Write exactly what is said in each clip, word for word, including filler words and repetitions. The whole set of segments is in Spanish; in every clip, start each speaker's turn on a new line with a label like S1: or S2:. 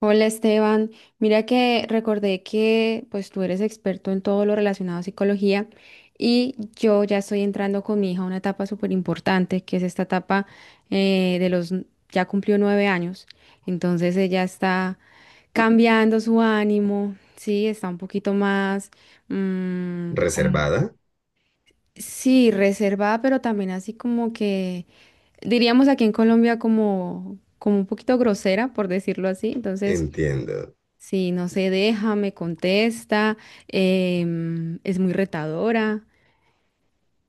S1: Hola Esteban, mira que recordé que pues tú eres experto en todo lo relacionado a psicología y yo ya estoy entrando con mi hija a una etapa súper importante que es esta etapa eh, de los, ya cumplió nueve años, entonces ella está cambiando su ánimo, sí, está un poquito más mm, ¿cómo?
S2: Reservada,
S1: Sí, reservada, pero también así como que diríamos aquí en Colombia como, como un poquito grosera, por decirlo así. Entonces,
S2: entiendo.
S1: sí, no se deja, me contesta, em, es muy retadora.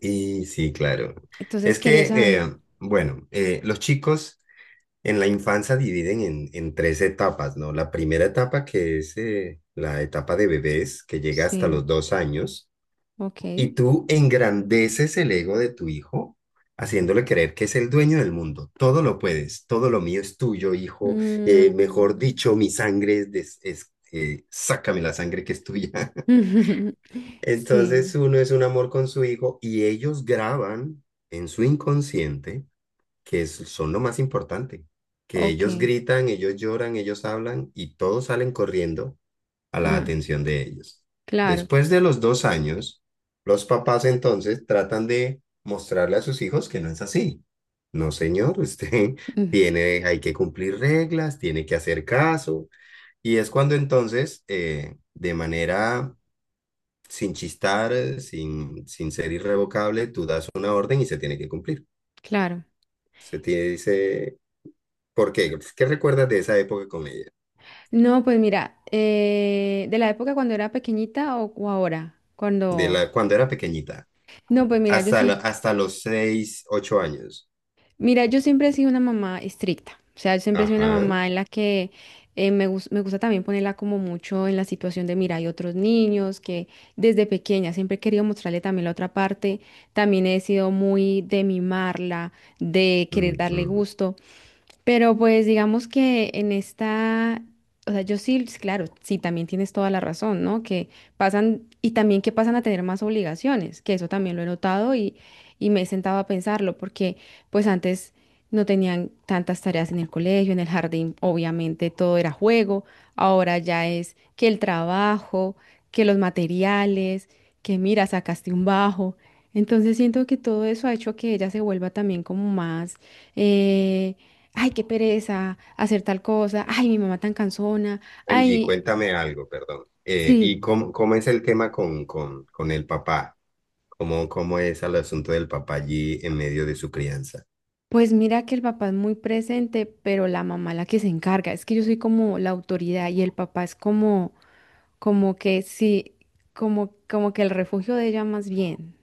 S2: Y sí, claro.
S1: Entonces
S2: Es
S1: quería
S2: que,
S1: saber.
S2: eh, bueno, eh, los chicos en la infancia dividen en, en tres etapas, ¿no? La primera etapa que es eh, la etapa de bebés, que llega hasta
S1: Sí,
S2: los dos años,
S1: ok.
S2: y tú engrandeces el ego de tu hijo, haciéndole creer que es el dueño del mundo. Todo lo puedes, todo lo mío es tuyo, hijo. Eh, mejor
S1: Mm.
S2: dicho, mi sangre es, des- es- eh, sácame la sangre que es tuya.
S1: Sí,
S2: Entonces uno es un amor con su hijo y ellos graban en su inconsciente, que es- son lo más importante, que
S1: ok.
S2: ellos gritan, ellos lloran, ellos hablan y todos salen corriendo a la
S1: Ah,
S2: atención de ellos.
S1: claro,
S2: Después de los dos años, los papás entonces tratan de mostrarle a sus hijos que no es así. No, señor, usted
S1: mm,
S2: tiene, hay que cumplir reglas, tiene que hacer caso. Y es cuando entonces, eh, de manera sin chistar, eh, sin, sin ser irrevocable, tú das una orden y se tiene que cumplir.
S1: claro.
S2: Se te dice, ¿por qué? Pues, ¿qué recuerdas de esa época con ella?
S1: No, pues mira, eh, de la época cuando era pequeñita o, o ahora,
S2: De
S1: cuando...
S2: la, cuando era pequeñita,
S1: No, pues mira, yo
S2: hasta, la-
S1: sí.
S2: hasta los seis, ocho años.
S1: Mira, yo siempre he sido una mamá estricta, o sea, yo siempre he sido una
S2: Ajá.
S1: mamá en la que eh, me, gus- me gusta también ponerla como mucho en la situación de, mira, hay otros niños que desde pequeña siempre he querido mostrarle también la otra parte, también he sido muy de mimarla, de querer darle
S2: Ujú.
S1: gusto. Pero pues digamos que en esta, o sea, yo sí, claro, sí, también tienes toda la razón, ¿no? Que pasan, y también que pasan a tener más obligaciones, que eso también lo he notado y, y me he sentado a pensarlo, porque pues antes no tenían tantas tareas en el colegio, en el jardín, obviamente todo era juego, ahora ya es que el trabajo, que los materiales, que mira, sacaste un bajo. Entonces siento que todo eso ha hecho que ella se vuelva también como más... eh, ay, qué pereza hacer tal cosa, ay, mi mamá tan cansona,
S2: Angie,
S1: ay,
S2: cuéntame algo, perdón. Eh,
S1: sí.
S2: ¿y cómo, cómo es el tema con, con, con el papá? ¿Cómo, cómo es el asunto del papá allí en medio de su crianza?
S1: Pues mira que el papá es muy presente, pero la mamá la que se encarga. Es que yo soy como la autoridad y el papá es como, como que sí, como, como que el refugio de ella más bien.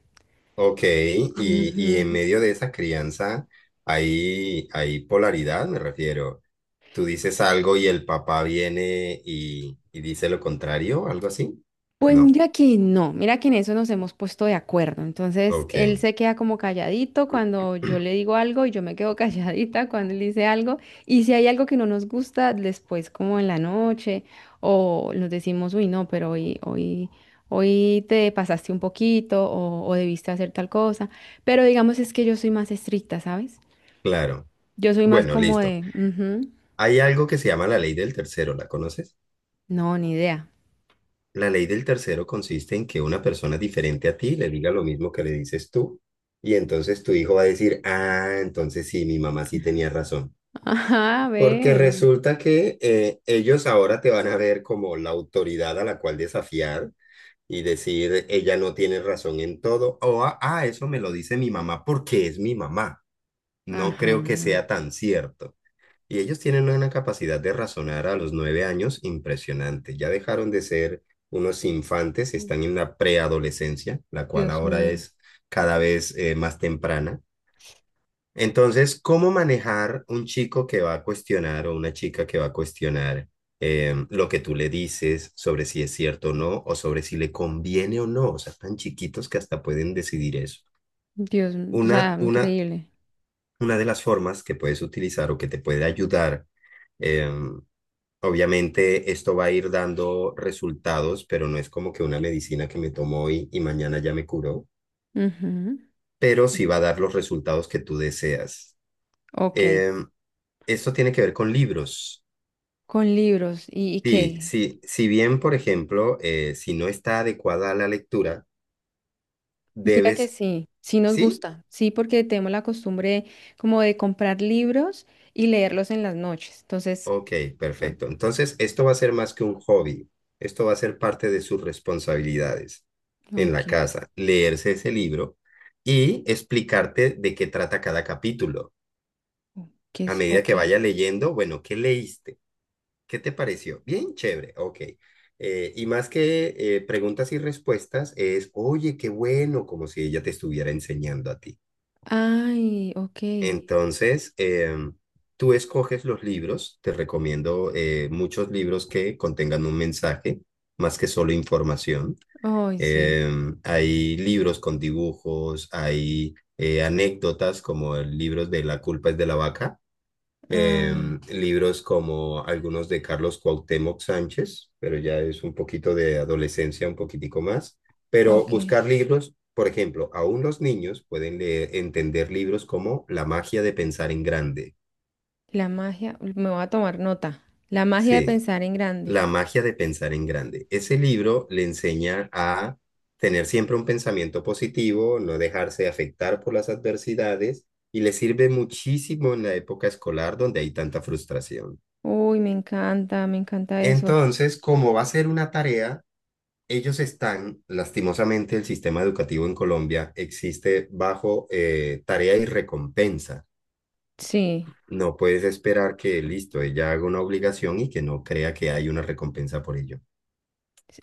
S2: Ok, y, y
S1: Ujú.
S2: en medio de esa crianza hay, hay polaridad, me refiero. Tú dices algo y el papá viene y, y dice lo contrario, algo así.
S1: Pues
S2: No,
S1: mira que no, mira que en eso nos hemos puesto de acuerdo. Entonces,
S2: ok,
S1: él se queda como calladito cuando yo le digo algo y yo me quedo calladita cuando él dice algo. Y si hay algo que no nos gusta, después como en la noche o nos decimos, uy, no, pero hoy, hoy, hoy te pasaste un poquito o, o debiste hacer tal cosa. Pero digamos es que yo soy más estricta, ¿sabes?
S2: claro.
S1: Yo soy más
S2: Bueno,
S1: como
S2: listo.
S1: de, "Ujú,
S2: Hay algo que se llama la ley del tercero, ¿la conoces?
S1: no, ni idea."
S2: La ley del tercero consiste en que una persona diferente a ti le diga lo mismo que le dices tú y entonces tu hijo va a decir, ah, entonces sí, mi mamá sí tenía razón.
S1: Ajá,
S2: Porque
S1: ve.
S2: resulta que eh, ellos ahora te van a ver como la autoridad a la cual desafiar y decir, ella no tiene razón en todo, o ah, ah, eso me lo dice mi mamá porque es mi mamá. No
S1: Ajá.
S2: creo que sea tan cierto. Y ellos tienen una capacidad de razonar a los nueve años impresionante. Ya dejaron de ser unos infantes, están en la preadolescencia, la cual
S1: Dios
S2: ahora
S1: mío.
S2: es cada vez eh, más temprana. Entonces, ¿cómo manejar un chico que va a cuestionar o una chica que va a cuestionar em, lo que tú le dices sobre si es cierto o no, o sobre si le conviene o no? O sea, tan chiquitos que hasta pueden decidir eso.
S1: Dios, o
S2: Una,
S1: sea,
S2: una,
S1: increíble.
S2: una de las formas que puedes utilizar o que te puede ayudar, em, obviamente esto va a ir dando resultados, pero no es como que una medicina que me tomo hoy y mañana ya me curó,
S1: Ujú,
S2: pero sí va a dar los resultados que tú deseas.
S1: ok,
S2: Em, Esto tiene que ver con libros.
S1: con libros, ¿y, y
S2: Sí,
S1: qué?
S2: sí, si bien, por ejemplo, eh, si no está adecuada a la lectura,
S1: Mira que
S2: debes...
S1: sí, sí nos
S2: ¿Sí?
S1: gusta, sí, porque tenemos la costumbre como de comprar libros y leerlos en las noches. Entonces,
S2: Ok,
S1: mm,
S2: perfecto. Entonces, esto va a ser más que un hobby. Esto va a ser parte de sus responsabilidades en
S1: ok,
S2: la casa, leerse ese libro y explicarte de qué trata cada capítulo.
S1: ¿qué
S2: A
S1: es?
S2: medida
S1: Ok.
S2: que vaya leyendo, bueno, ¿qué leíste? ¿Qué te pareció? Bien, chévere, ok. Eh, y más que eh, preguntas y respuestas, es, oye, qué bueno, como si ella te estuviera enseñando a ti.
S1: Ay, ok.
S2: Entonces, em, tú escoges los libros, te recomiendo eh, muchos libros que contengan un mensaje, más que solo información.
S1: Ay, sí.
S2: Em, hay libros con dibujos, hay eh, anécdotas como el libro de La culpa es de la vaca.
S1: Ah,
S2: Em, libros como algunos de Carlos Cuauhtémoc Sánchez, pero ya es un poquito de adolescencia, un poquitico más. Pero
S1: ok.
S2: buscar libros, por ejemplo, aún los niños pueden leer- entender libros como La magia de pensar en grande.
S1: La magia, me voy a tomar nota. La magia de
S2: Sí,
S1: pensar en grande.
S2: La magia de pensar en grande. Ese libro le enseña a tener siempre un pensamiento positivo, no dejarse afectar por las adversidades y le sirve muchísimo en la época escolar donde hay tanta frustración.
S1: Uy, me encanta, me encanta eso.
S2: Entonces, como va a ser una tarea, ellos están, lastimosamente, el sistema educativo en Colombia existe bajo eh, tarea y recompensa.
S1: Sí.
S2: No puedes esperar que, listo, ella haga una obligación y que no crea que hay una recompensa por ello.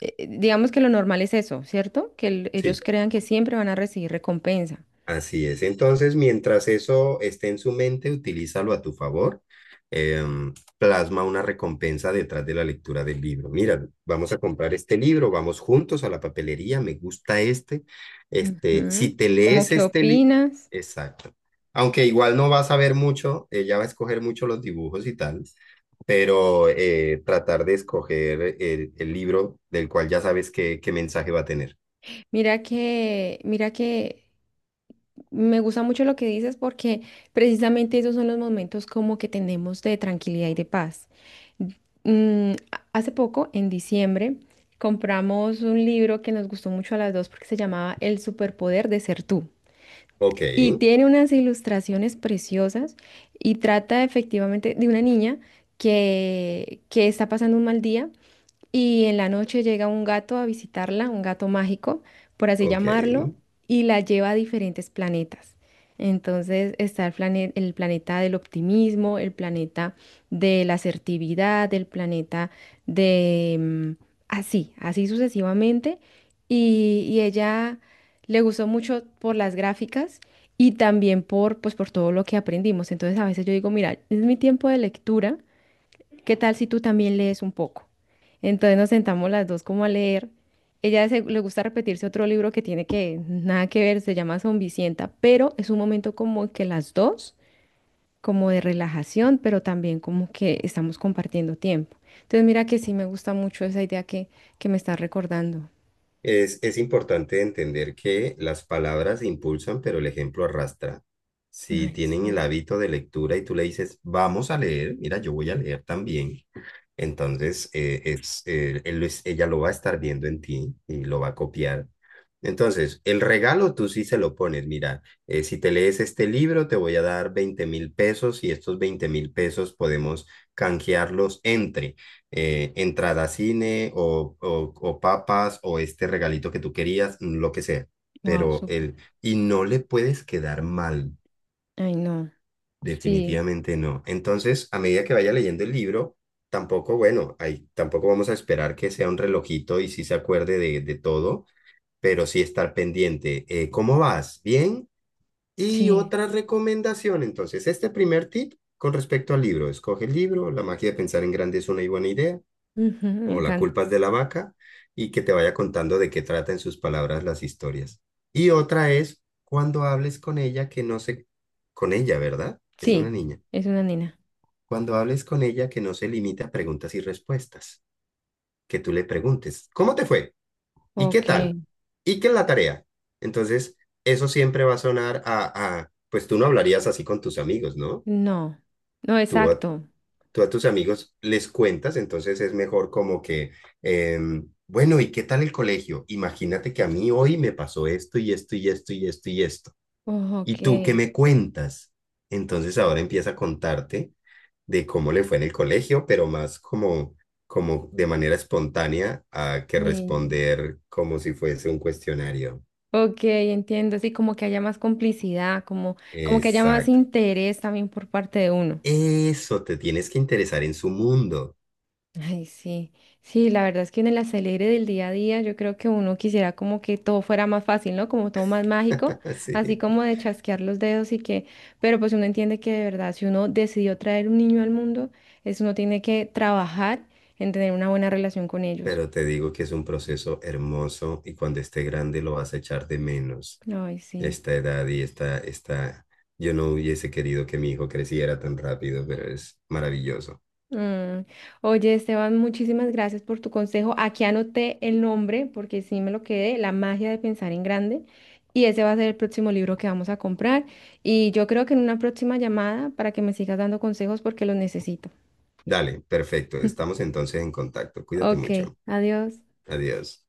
S1: eh, eh, digamos que lo normal es eso, ¿cierto? Que el-
S2: Sí.
S1: ellos crean que siempre van a recibir recompensa.
S2: Así es. Entonces, mientras eso esté en su mente, utilízalo a tu favor. Em, plasma una recompensa detrás de la lectura del libro. Mira, vamos a comprar este libro, vamos juntos a la papelería, me gusta este. Este,
S1: Ujú.
S2: si te
S1: ¿Cómo
S2: lees
S1: qué
S2: este libro,
S1: opinas?
S2: exacto. Aunque igual no vas a ver mucho, ella va a escoger mucho los dibujos y tal, pero eh, tratar de escoger el, el libro del cual ya sabes qué, qué mensaje va a tener.
S1: Mira que, mira que me gusta mucho lo que dices porque precisamente esos son los momentos como que tenemos de tranquilidad y de paz. Mm, a- hace poco, en diciembre, compramos un libro que nos gustó mucho a las dos porque se llamaba El superpoder de ser tú.
S2: Ok,
S1: Y tiene unas ilustraciones preciosas y trata efectivamente de una niña que, que está pasando un mal día y en la noche llega un gato a visitarla, un gato mágico, por así
S2: ok.
S1: llamarlo, y la lleva a diferentes planetas. Entonces está el plane- el planeta del optimismo, el planeta de la asertividad, el planeta de... mm, así, así sucesivamente. Y, y ella le gustó mucho por las gráficas y también por, pues, por todo lo que aprendimos. Entonces a veces yo digo, mira, es mi tiempo de lectura. ¿Qué tal si tú también lees un poco? Entonces nos sentamos las dos como a leer. Ella se- le gusta repetirse otro libro que tiene que nada que ver, se llama Zombicienta, pero es un momento como que las dos, como de relajación, pero también como que estamos compartiendo tiempo. Entonces mira que sí me gusta mucho esa idea que, que me estás recordando.
S2: Es, es importante entender que las palabras impulsan, pero el ejemplo arrastra. Si
S1: Ay,
S2: tienen el
S1: sí.
S2: hábito de lectura y tú le dices, vamos a leer, mira, yo voy a leer también, entonces, eh, es, eh, él es- ella lo va a estar viendo en ti y lo va a copiar. Entonces, el regalo tú sí se lo pones. Mira, eh, si te lees este libro, te voy a dar veinte mil pesos y estos veinte mil pesos podemos canjearlos entre eh, entrada a cine o, o, o papas o este regalito que tú querías, lo que sea.
S1: Wow,
S2: Pero
S1: súper.
S2: él, y no le puedes quedar mal.
S1: Ay, no. Sí,
S2: Definitivamente no. Entonces, a medida que vaya leyendo el libro, tampoco, bueno, ahí tampoco vamos a esperar que sea un relojito y sí se acuerde de, de todo, pero sí estar pendiente. Eh, ¿cómo vas? ¿Bien? Y
S1: sí.
S2: otra recomendación, entonces, este primer tip con respecto al libro. Escoge el libro, La magia de pensar en grande es una y buena idea,
S1: Ujú, me
S2: o La
S1: encanta.
S2: culpa es de la vaca, y que te vaya contando de qué trata en sus palabras las historias. Y otra es cuando hables con ella que no se... con ella, ¿verdad? Es
S1: Sí,
S2: una niña
S1: es una nena.
S2: cuando hables con ella, que no se limite a preguntas y respuestas, que tú le preguntes, ¿cómo te fue? ¿Y qué
S1: Ok.
S2: tal? ¿Y qué es la tarea? Entonces, eso siempre va a sonar a, a pues tú no hablarías así con tus amigos, ¿no?
S1: No. No,
S2: Tú a,
S1: exacto.
S2: tú a tus amigos les cuentas, entonces es mejor como que, em, bueno, ¿y qué tal el colegio? Imagínate que a mí hoy me pasó esto y esto y esto y esto y esto.
S1: Oh,
S2: ¿Y tú qué
S1: ok.
S2: me cuentas? Entonces ahora empieza a contarte de cómo le fue en el colegio, pero más como, como de manera espontánea a que
S1: Mm,
S2: responder como si fuese un cuestionario.
S1: ok, entiendo. Sí, como que haya más complicidad, como, como que haya más
S2: Exacto.
S1: interés también por parte de uno.
S2: Eso, te tienes que interesar en su mundo.
S1: Ay, sí. Sí, la verdad es que en el acelere del día a día yo creo que uno quisiera como que todo fuera más fácil, ¿no? Como todo más mágico, así
S2: Sí.
S1: como de chasquear los dedos y que, pero pues uno entiende que de verdad si uno decidió traer un niño al mundo, es uno tiene que trabajar en tener una buena relación con ellos.
S2: Pero te digo que es un proceso hermoso y cuando esté grande lo vas a echar de menos.
S1: Ay, sí.
S2: Esta edad y esta, esta, yo no hubiese querido que mi hijo creciera tan rápido, pero es maravilloso.
S1: Mm. Oye, Esteban, muchísimas gracias por tu consejo. Aquí anoté el nombre porque sí me lo quedé, La magia de pensar en grande. Y ese va a ser el próximo libro que vamos a comprar. Y yo creo que en una próxima llamada para que me sigas dando consejos porque los necesito.
S2: Dale, perfecto. Estamos entonces en contacto. Cuídate
S1: Ok,
S2: mucho.
S1: adiós.
S2: Adiós.